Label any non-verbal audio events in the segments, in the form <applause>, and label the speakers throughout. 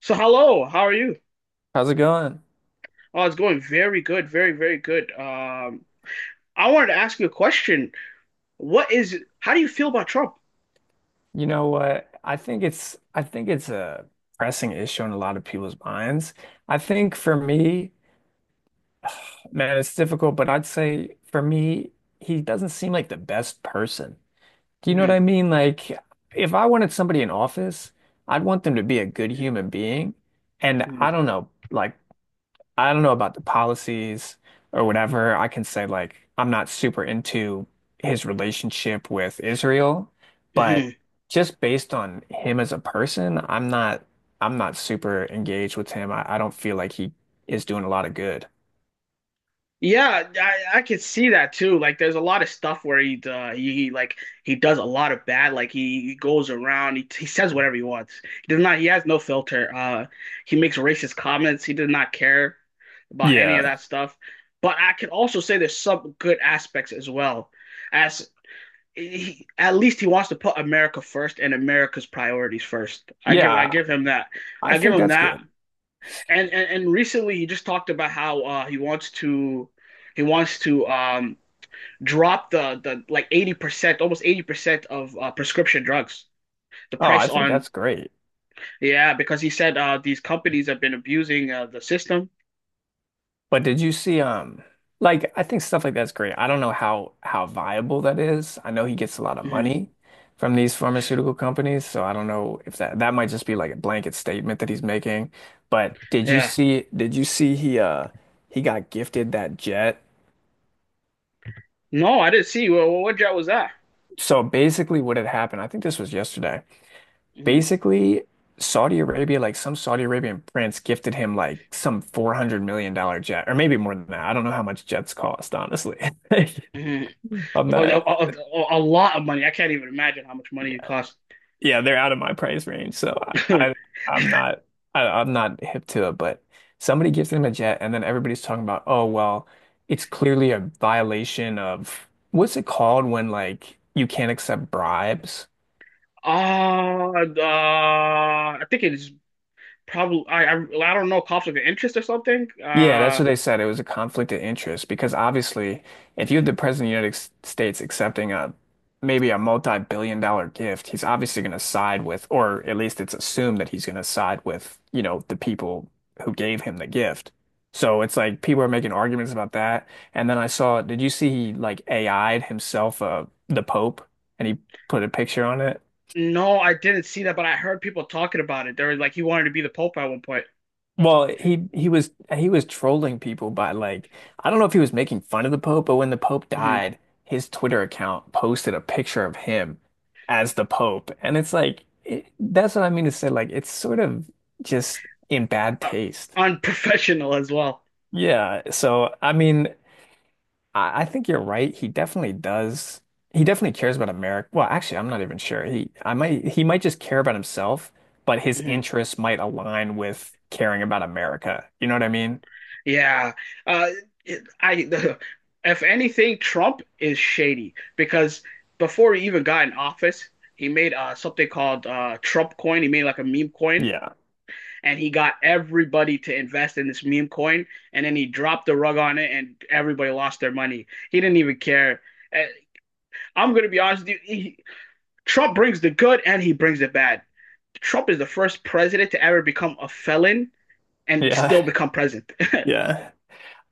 Speaker 1: So hello, how are you?
Speaker 2: How's it going?
Speaker 1: Oh, it's going very good, very, very good. I wanted to ask you a question. How do you feel about Trump?
Speaker 2: You know what? I think it's a pressing issue in a lot of people's minds. I think for me, man, it's difficult, but I'd say for me, he doesn't seem like the best person. Do you know what
Speaker 1: Mhm,
Speaker 2: I mean? Like if I wanted somebody in office, I'd want them to be a good human being. And
Speaker 1: mhm,
Speaker 2: I don't know, like I don't know about the policies or whatever. I can say like I'm not super into his relationship with Israel, but
Speaker 1: mhm.
Speaker 2: just based on him as a person, I'm not super engaged with him. I don't feel like he is doing a lot of good.
Speaker 1: Yeah, I could see that too. Like, there's a lot of stuff where he, he does a lot of bad. Like he goes around, he says whatever he wants. He does not. He has no filter. He makes racist comments. He does not care about any of
Speaker 2: Yeah.
Speaker 1: that stuff. But I can also say there's some good aspects as well. As he, at least he wants to put America first and America's priorities first. I
Speaker 2: Yeah,
Speaker 1: give him that.
Speaker 2: I
Speaker 1: I give
Speaker 2: think
Speaker 1: him
Speaker 2: that's
Speaker 1: that,
Speaker 2: good.
Speaker 1: and recently he just talked about how he wants to drop the like 80%, almost 80% of prescription drugs. The
Speaker 2: Oh, I
Speaker 1: price
Speaker 2: think
Speaker 1: on,
Speaker 2: that's great.
Speaker 1: yeah, because he said these companies have been abusing the system.
Speaker 2: But did you see like I think stuff like that's great. I don't know how viable that is. I know he gets a lot of
Speaker 1: Hmm.
Speaker 2: money from these pharmaceutical companies, so I don't know if that might just be like a blanket statement that he's making. But did you
Speaker 1: Yeah,
Speaker 2: see did you see he got gifted that jet?
Speaker 1: no, I didn't see. What job was that?
Speaker 2: So basically what had happened, I think this was yesterday.
Speaker 1: Hmm.
Speaker 2: Basically Saudi Arabia, like some Saudi Arabian prince gifted him like some $400 million dollar jet, or maybe more than that. I don't know how much jets cost, honestly.
Speaker 1: Hmm.
Speaker 2: <laughs> I'm
Speaker 1: A,
Speaker 2: not.
Speaker 1: a, a- a lot of money. I can't even imagine how much money it
Speaker 2: Yeah,
Speaker 1: costs.
Speaker 2: yeah, they're out of my price range, so I, I
Speaker 1: <laughs>
Speaker 2: I'm not I'm not hip to it. But somebody gives them a jet, and then everybody's talking about, oh well, it's clearly a violation of what's it called when like you can't accept bribes.
Speaker 1: I think it's probably, I don't know, conflict of interest or something.
Speaker 2: Yeah, that's what they said. It was a conflict of interest because obviously, if you have the President of the States accepting a maybe a multi-billion-dollar gift, he's obviously going to side with, or at least it's assumed that he's going to side with, you know, the people who gave him the gift. So it's like people are making arguments about that. And then I saw, did you see he like AI'd himself the Pope and he put a picture on it?
Speaker 1: No, I didn't see that, but I heard people talking about it. They were like, he wanted to be the Pope at one point.
Speaker 2: Well, he was trolling people by like I don't know if he was making fun of the Pope, but when the Pope
Speaker 1: Hmm.
Speaker 2: died, his Twitter account posted a picture of him as the Pope, and it's like it, that's what I mean to say. Like it's sort of just in bad
Speaker 1: Uh,
Speaker 2: taste.
Speaker 1: unprofessional as well.
Speaker 2: Yeah. So I mean, I think you're right. He definitely does. He definitely cares about America. Well, actually, I'm not even sure. He might just care about himself, but his
Speaker 1: Hmm.
Speaker 2: interests might align with caring about America. You know what I mean?
Speaker 1: Yeah. Uh, it- I, <laughs> if anything, Trump is shady because before he even got in office, he made something called Trump coin. He made like a meme coin,
Speaker 2: Yeah.
Speaker 1: and he got everybody to invest in this meme coin. And then he dropped the rug on it and everybody lost their money. He didn't even care. Uh, I'm going to be honest with you. Trump brings the good and he brings the bad. Trump is the first president to ever become a felon and
Speaker 2: Yeah.
Speaker 1: still become president. <laughs>
Speaker 2: Yeah.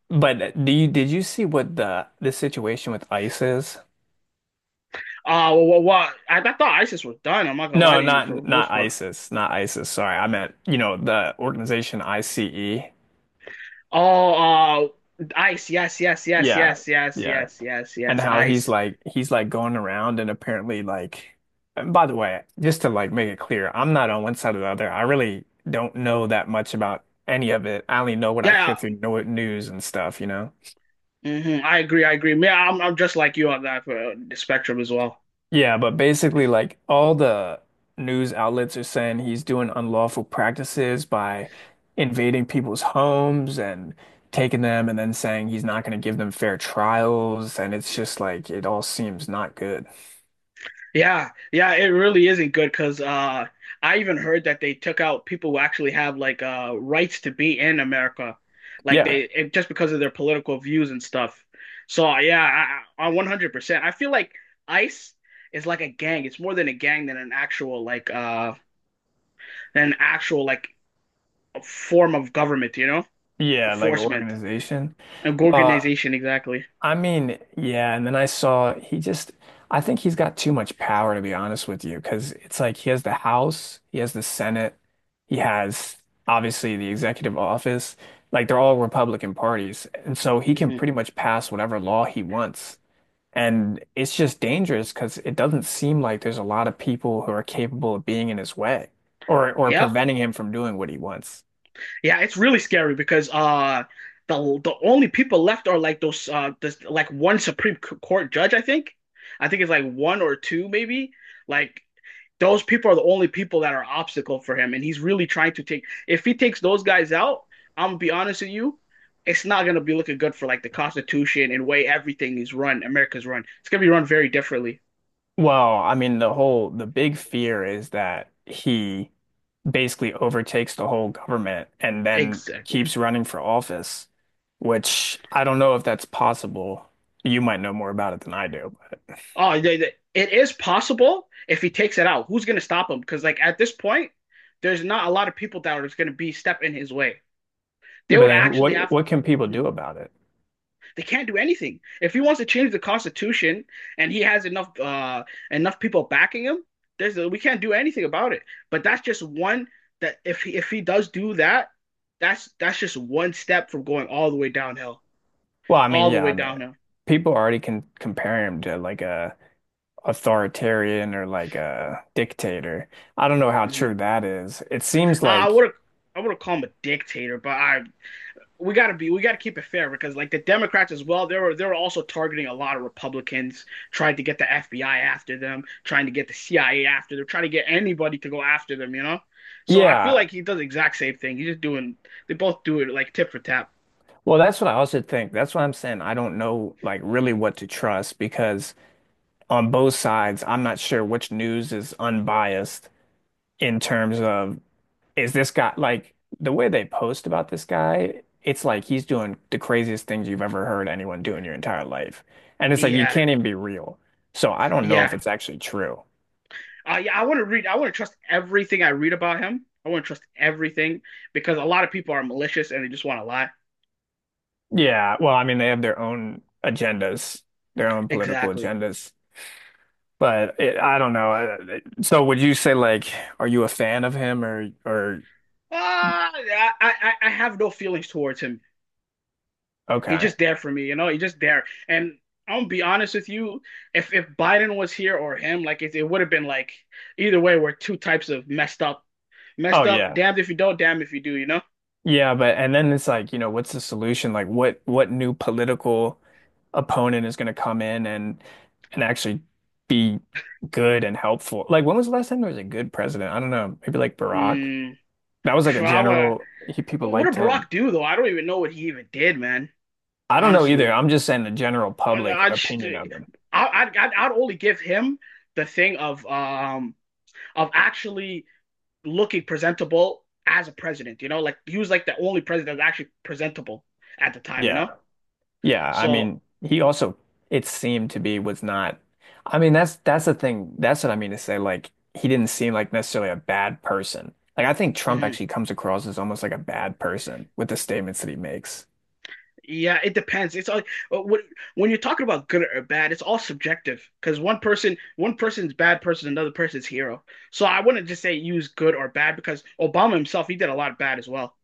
Speaker 2: But do you did you see what the situation with ICE is?
Speaker 1: Well, well I thought ISIS was done. I'm not gonna lie
Speaker 2: No,
Speaker 1: to you for
Speaker 2: not
Speaker 1: the
Speaker 2: not
Speaker 1: most part.
Speaker 2: ISIS, not ISIS. Sorry, I meant, you know, the organization ICE.
Speaker 1: Oh, ICE, yes, yes, yes,
Speaker 2: Yeah.
Speaker 1: yes, yes,
Speaker 2: Yeah.
Speaker 1: yes, yes,
Speaker 2: And
Speaker 1: yes,
Speaker 2: how he's
Speaker 1: ICE.
Speaker 2: like he's like going around and apparently like and by the way, just to like make it clear, I'm not on one side or the other. I really don't know that much about any of it. I only know what I hear
Speaker 1: Yeah,
Speaker 2: through no news and stuff, you know?
Speaker 1: mhm, I agree, I agree. Yeah, I'm just like you on that the spectrum as well.
Speaker 2: Yeah, but basically, like all the news outlets are saying he's doing unlawful practices by invading people's homes and taking them and then saying he's not going to give them fair trials. And it's just like it all seems not good.
Speaker 1: Yeah, yeah, it really isn't good because I even heard that they took out people who actually have like rights to be in America, like
Speaker 2: Yeah.
Speaker 1: just because of their political views and stuff. So yeah, I 100%. I feel like ICE is like a gang. It's more than a gang than an actual like form of government, you know,
Speaker 2: Yeah, like
Speaker 1: enforcement
Speaker 2: organization.
Speaker 1: and
Speaker 2: Well,
Speaker 1: organization, exactly.
Speaker 2: I mean, yeah, and then I saw he just I think he's got too much power to be honest with you, because it's like he has the House, he has the Senate, he has obviously the executive office. Like they're all Republican parties. And so he can
Speaker 1: Hmm.
Speaker 2: pretty much pass whatever law he wants. And it's just dangerous because it doesn't seem like there's a lot of people who are capable of being in his way or
Speaker 1: Yep.
Speaker 2: preventing him from doing what he wants.
Speaker 1: Yeah, it's really scary because the the only people left are like like one Supreme C- Court judge, I think. I think it's like one or two maybe. Like those people are the only people that are obstacle for him and he's really trying to take if he takes those guys out, I'm gonna be honest with you, it's not gonna be looking good for like the Constitution and way everything is run, America's run. It's gonna be run very differently.
Speaker 2: Well, I mean, the big fear is that he basically overtakes the whole government and then
Speaker 1: Exactly.
Speaker 2: keeps running for office, which I don't know if that's possible. You might know more about it than I do. But
Speaker 1: Oh, it is possible if he takes it out. Who's going to stop him? Because like at this point, there's not a lot of people that are going to be stepping his way.
Speaker 2: yeah,
Speaker 1: They
Speaker 2: but
Speaker 1: would
Speaker 2: then
Speaker 1: actually
Speaker 2: what
Speaker 1: have.
Speaker 2: what can people
Speaker 1: Mhm.
Speaker 2: do about it?
Speaker 1: They can't do anything. If he wants to change the Constitution and he has enough people backing him, there's a, we can't do anything about it. But that's just one that if he does do that, that's just one step from going all the way downhill,
Speaker 2: Well, I mean,
Speaker 1: all the
Speaker 2: yeah,
Speaker 1: way
Speaker 2: I mean,
Speaker 1: downhill.
Speaker 2: people already can compare him to like a authoritarian or like a dictator. I don't know how
Speaker 1: Hmm.
Speaker 2: true that is. It seems
Speaker 1: I
Speaker 2: like,
Speaker 1: would I would call him a dictator, but I we got to keep it fair because like the Democrats as well, they were also targeting a lot of Republicans, trying to get the FBI after them, trying to get the CIA after them, trying to get anybody to go after them, you know. So I feel
Speaker 2: yeah.
Speaker 1: like he does the exact same thing, he's just doing, they both do it like tip for tap.
Speaker 2: Well, that's what I also think. That's what I'm saying. I don't know like really what to trust because on both sides, I'm not sure which news is unbiased in terms of is this guy like the way they post about this guy, it's like he's doing the craziest things you've ever heard anyone do in your entire life. And it's like you
Speaker 1: Yeah,
Speaker 2: can't even be real. So I don't know
Speaker 1: yeah,
Speaker 2: if it's actually true.
Speaker 1: yeah, I want to trust everything I read about him, I want to trust everything because a lot of people are malicious and they just want to lie,
Speaker 2: Yeah, well, I mean, they have their own agendas, their own political
Speaker 1: exactly.
Speaker 2: agendas. But it, I don't know. So would you say like, are you a fan of him or
Speaker 1: I have no feelings towards him. He's
Speaker 2: okay.
Speaker 1: just there for me, you know. He's just there. And I'm gonna be honest with you, if Biden was here or him, it would have been like either way, we're two types of messed up,
Speaker 2: Oh
Speaker 1: messed up.
Speaker 2: yeah.
Speaker 1: Damned if you don't, damned if you do, you know.
Speaker 2: Yeah, but and then it's like, you know, what's the solution? Like what new political opponent is going to come in and actually be good and helpful? Like when was the last time there was a good president? I don't know. Maybe like Barack.
Speaker 1: Mm,
Speaker 2: That was like a
Speaker 1: for our,
Speaker 2: general he, people
Speaker 1: what did
Speaker 2: liked him.
Speaker 1: Barack do though? I don't even know what he even did, man.
Speaker 2: I don't know either.
Speaker 1: Honestly,
Speaker 2: I'm just saying the general public
Speaker 1: I just,
Speaker 2: opinion
Speaker 1: I,
Speaker 2: of him.
Speaker 1: I'd only give him the thing of actually looking presentable as a president, you know, like he was like the only president that was actually presentable at the time, you
Speaker 2: Yeah.
Speaker 1: know.
Speaker 2: Yeah. I
Speaker 1: So
Speaker 2: mean, he also, it seemed to be, was not. I mean, that's the thing. That's what I mean to say. Like, he didn't seem like necessarily a bad person. Like, I think Trump
Speaker 1: mhm.
Speaker 2: actually comes across as almost like a bad person with the statements that he makes.
Speaker 1: Yeah, it depends. It's all uh, when when you're talking about good or bad, it's all subjective because one person's bad person, another person's hero. So I wouldn't just say use good or bad because Obama himself, he did a lot of bad as well.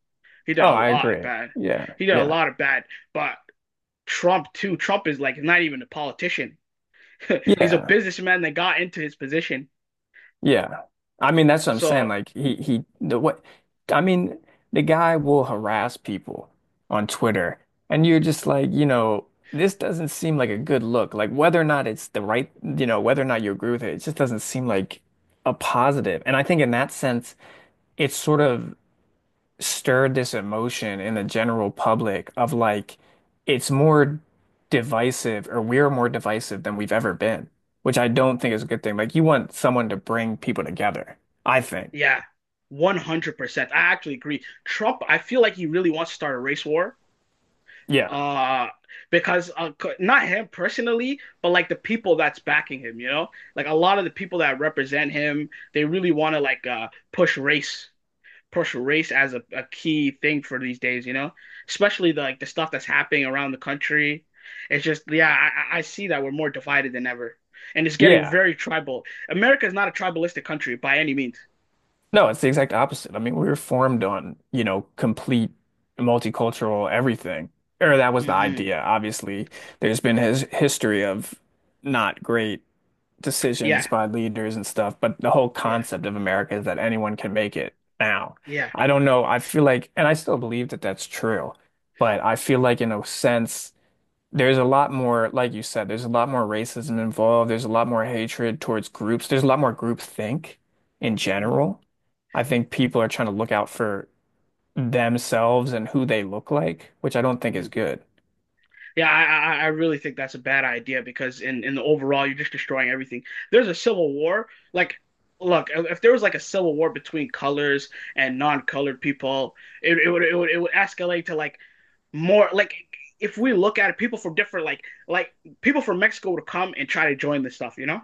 Speaker 1: He did
Speaker 2: Oh,
Speaker 1: a
Speaker 2: I
Speaker 1: lot of
Speaker 2: agree.
Speaker 1: bad.
Speaker 2: Yeah.
Speaker 1: He did a
Speaker 2: Yeah.
Speaker 1: lot of bad. But Trump too. Trump is like not even a politician. <laughs> He's a
Speaker 2: Yeah.
Speaker 1: businessman that got into his position.
Speaker 2: Yeah. I mean, that's what I'm saying.
Speaker 1: So
Speaker 2: Like he the what I mean, the guy will harass people on Twitter and you're just like, you know, this doesn't seem like a good look. Like whether or not it's the right, you know, whether or not you agree with it, it just doesn't seem like a positive. And I think in that sense, it's sort of stirred this emotion in the general public of like it's more divisive or we're more divisive than we've ever been, which I don't think is a good thing. Like you want someone to bring people together, I think.
Speaker 1: yeah, 100%. I actually agree. Trump, I feel like he really wants to start a race war,
Speaker 2: Yeah.
Speaker 1: uh because not him personally but like the people that's backing him, you know, like a lot of the people that represent him, they really want to push race, push race as a key thing for these days, you know, especially like the stuff that's happening around the country. It's just Yeah, I see that we're more divided than ever, and it's getting
Speaker 2: Yeah.
Speaker 1: very tribal. America is not a tribalistic country by any means.
Speaker 2: No, it's the exact opposite. I mean, we were formed on, you know, complete multicultural everything. Or that was the
Speaker 1: Hmm.
Speaker 2: idea. Obviously, there's been his history of not great
Speaker 1: Yeah,
Speaker 2: decisions by leaders and stuff, but the whole
Speaker 1: yeah,
Speaker 2: concept of America is that anyone can make it now.
Speaker 1: yeah.
Speaker 2: I don't know. I feel like, and I still believe that that's true, but I feel like in a sense, there's a lot more, like you said, there's a lot more racism involved. There's a lot more hatred towards groups. There's a lot more groupthink in
Speaker 1: Hmm.
Speaker 2: general. I think people are trying to look out for themselves and who they look like, which I don't think is good.
Speaker 1: Yeah, I really think that's a bad idea because in the overall, you're just destroying everything. There's a civil war. Like, look, if there was like a civil war between colors and non-colored people, it would it would escalate to like more like if we look at it, people from different people from Mexico would come and try to join this stuff, you know?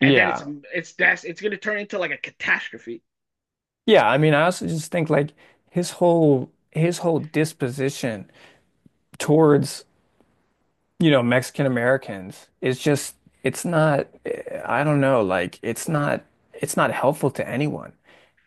Speaker 1: And then
Speaker 2: Yeah.
Speaker 1: it's that's it's gonna turn into like a catastrophe.
Speaker 2: Yeah, I mean, I also just think like his whole disposition towards, you know, Mexican Americans is just it's not I don't know, like it's not helpful to anyone.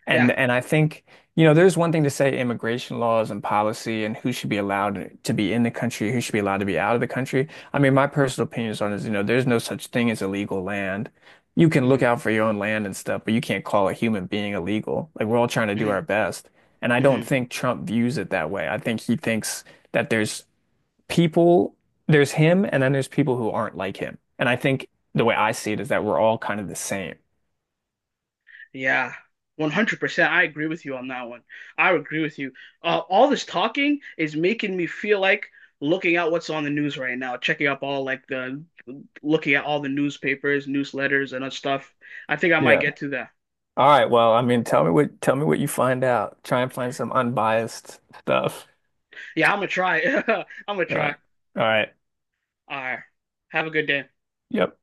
Speaker 2: And
Speaker 1: Yeah.
Speaker 2: and I think, you know, there's one thing to say immigration laws and policy and who should be allowed to be in the country, who should be allowed to be out of the country. I mean, my personal opinions on it is, you know, there's no such thing as illegal land. You can look
Speaker 1: Hmm.
Speaker 2: out for your own land and stuff, but you can't call a human being illegal. Like we're all trying to do
Speaker 1: Hmm.
Speaker 2: our best. And I don't
Speaker 1: Hmm.
Speaker 2: think Trump views it that way. I think he thinks that there's people, there's him, and then there's people who aren't like him. And I think the way I see it is that we're all kind of the same.
Speaker 1: Yeah, 100%. I agree with you on that one. I agree with you. All this talking is making me feel like looking at what's on the news right now, checking up all like the looking at all the newspapers, newsletters, and other stuff. I think I might
Speaker 2: Yeah.
Speaker 1: get to that.
Speaker 2: All right. Well, I mean, tell me what you find out. Try and find some unbiased stuff.
Speaker 1: Yeah, I'm gonna try. <laughs> I'm gonna
Speaker 2: All
Speaker 1: try.
Speaker 2: right. All right.
Speaker 1: All right. Have a good day.
Speaker 2: Yep.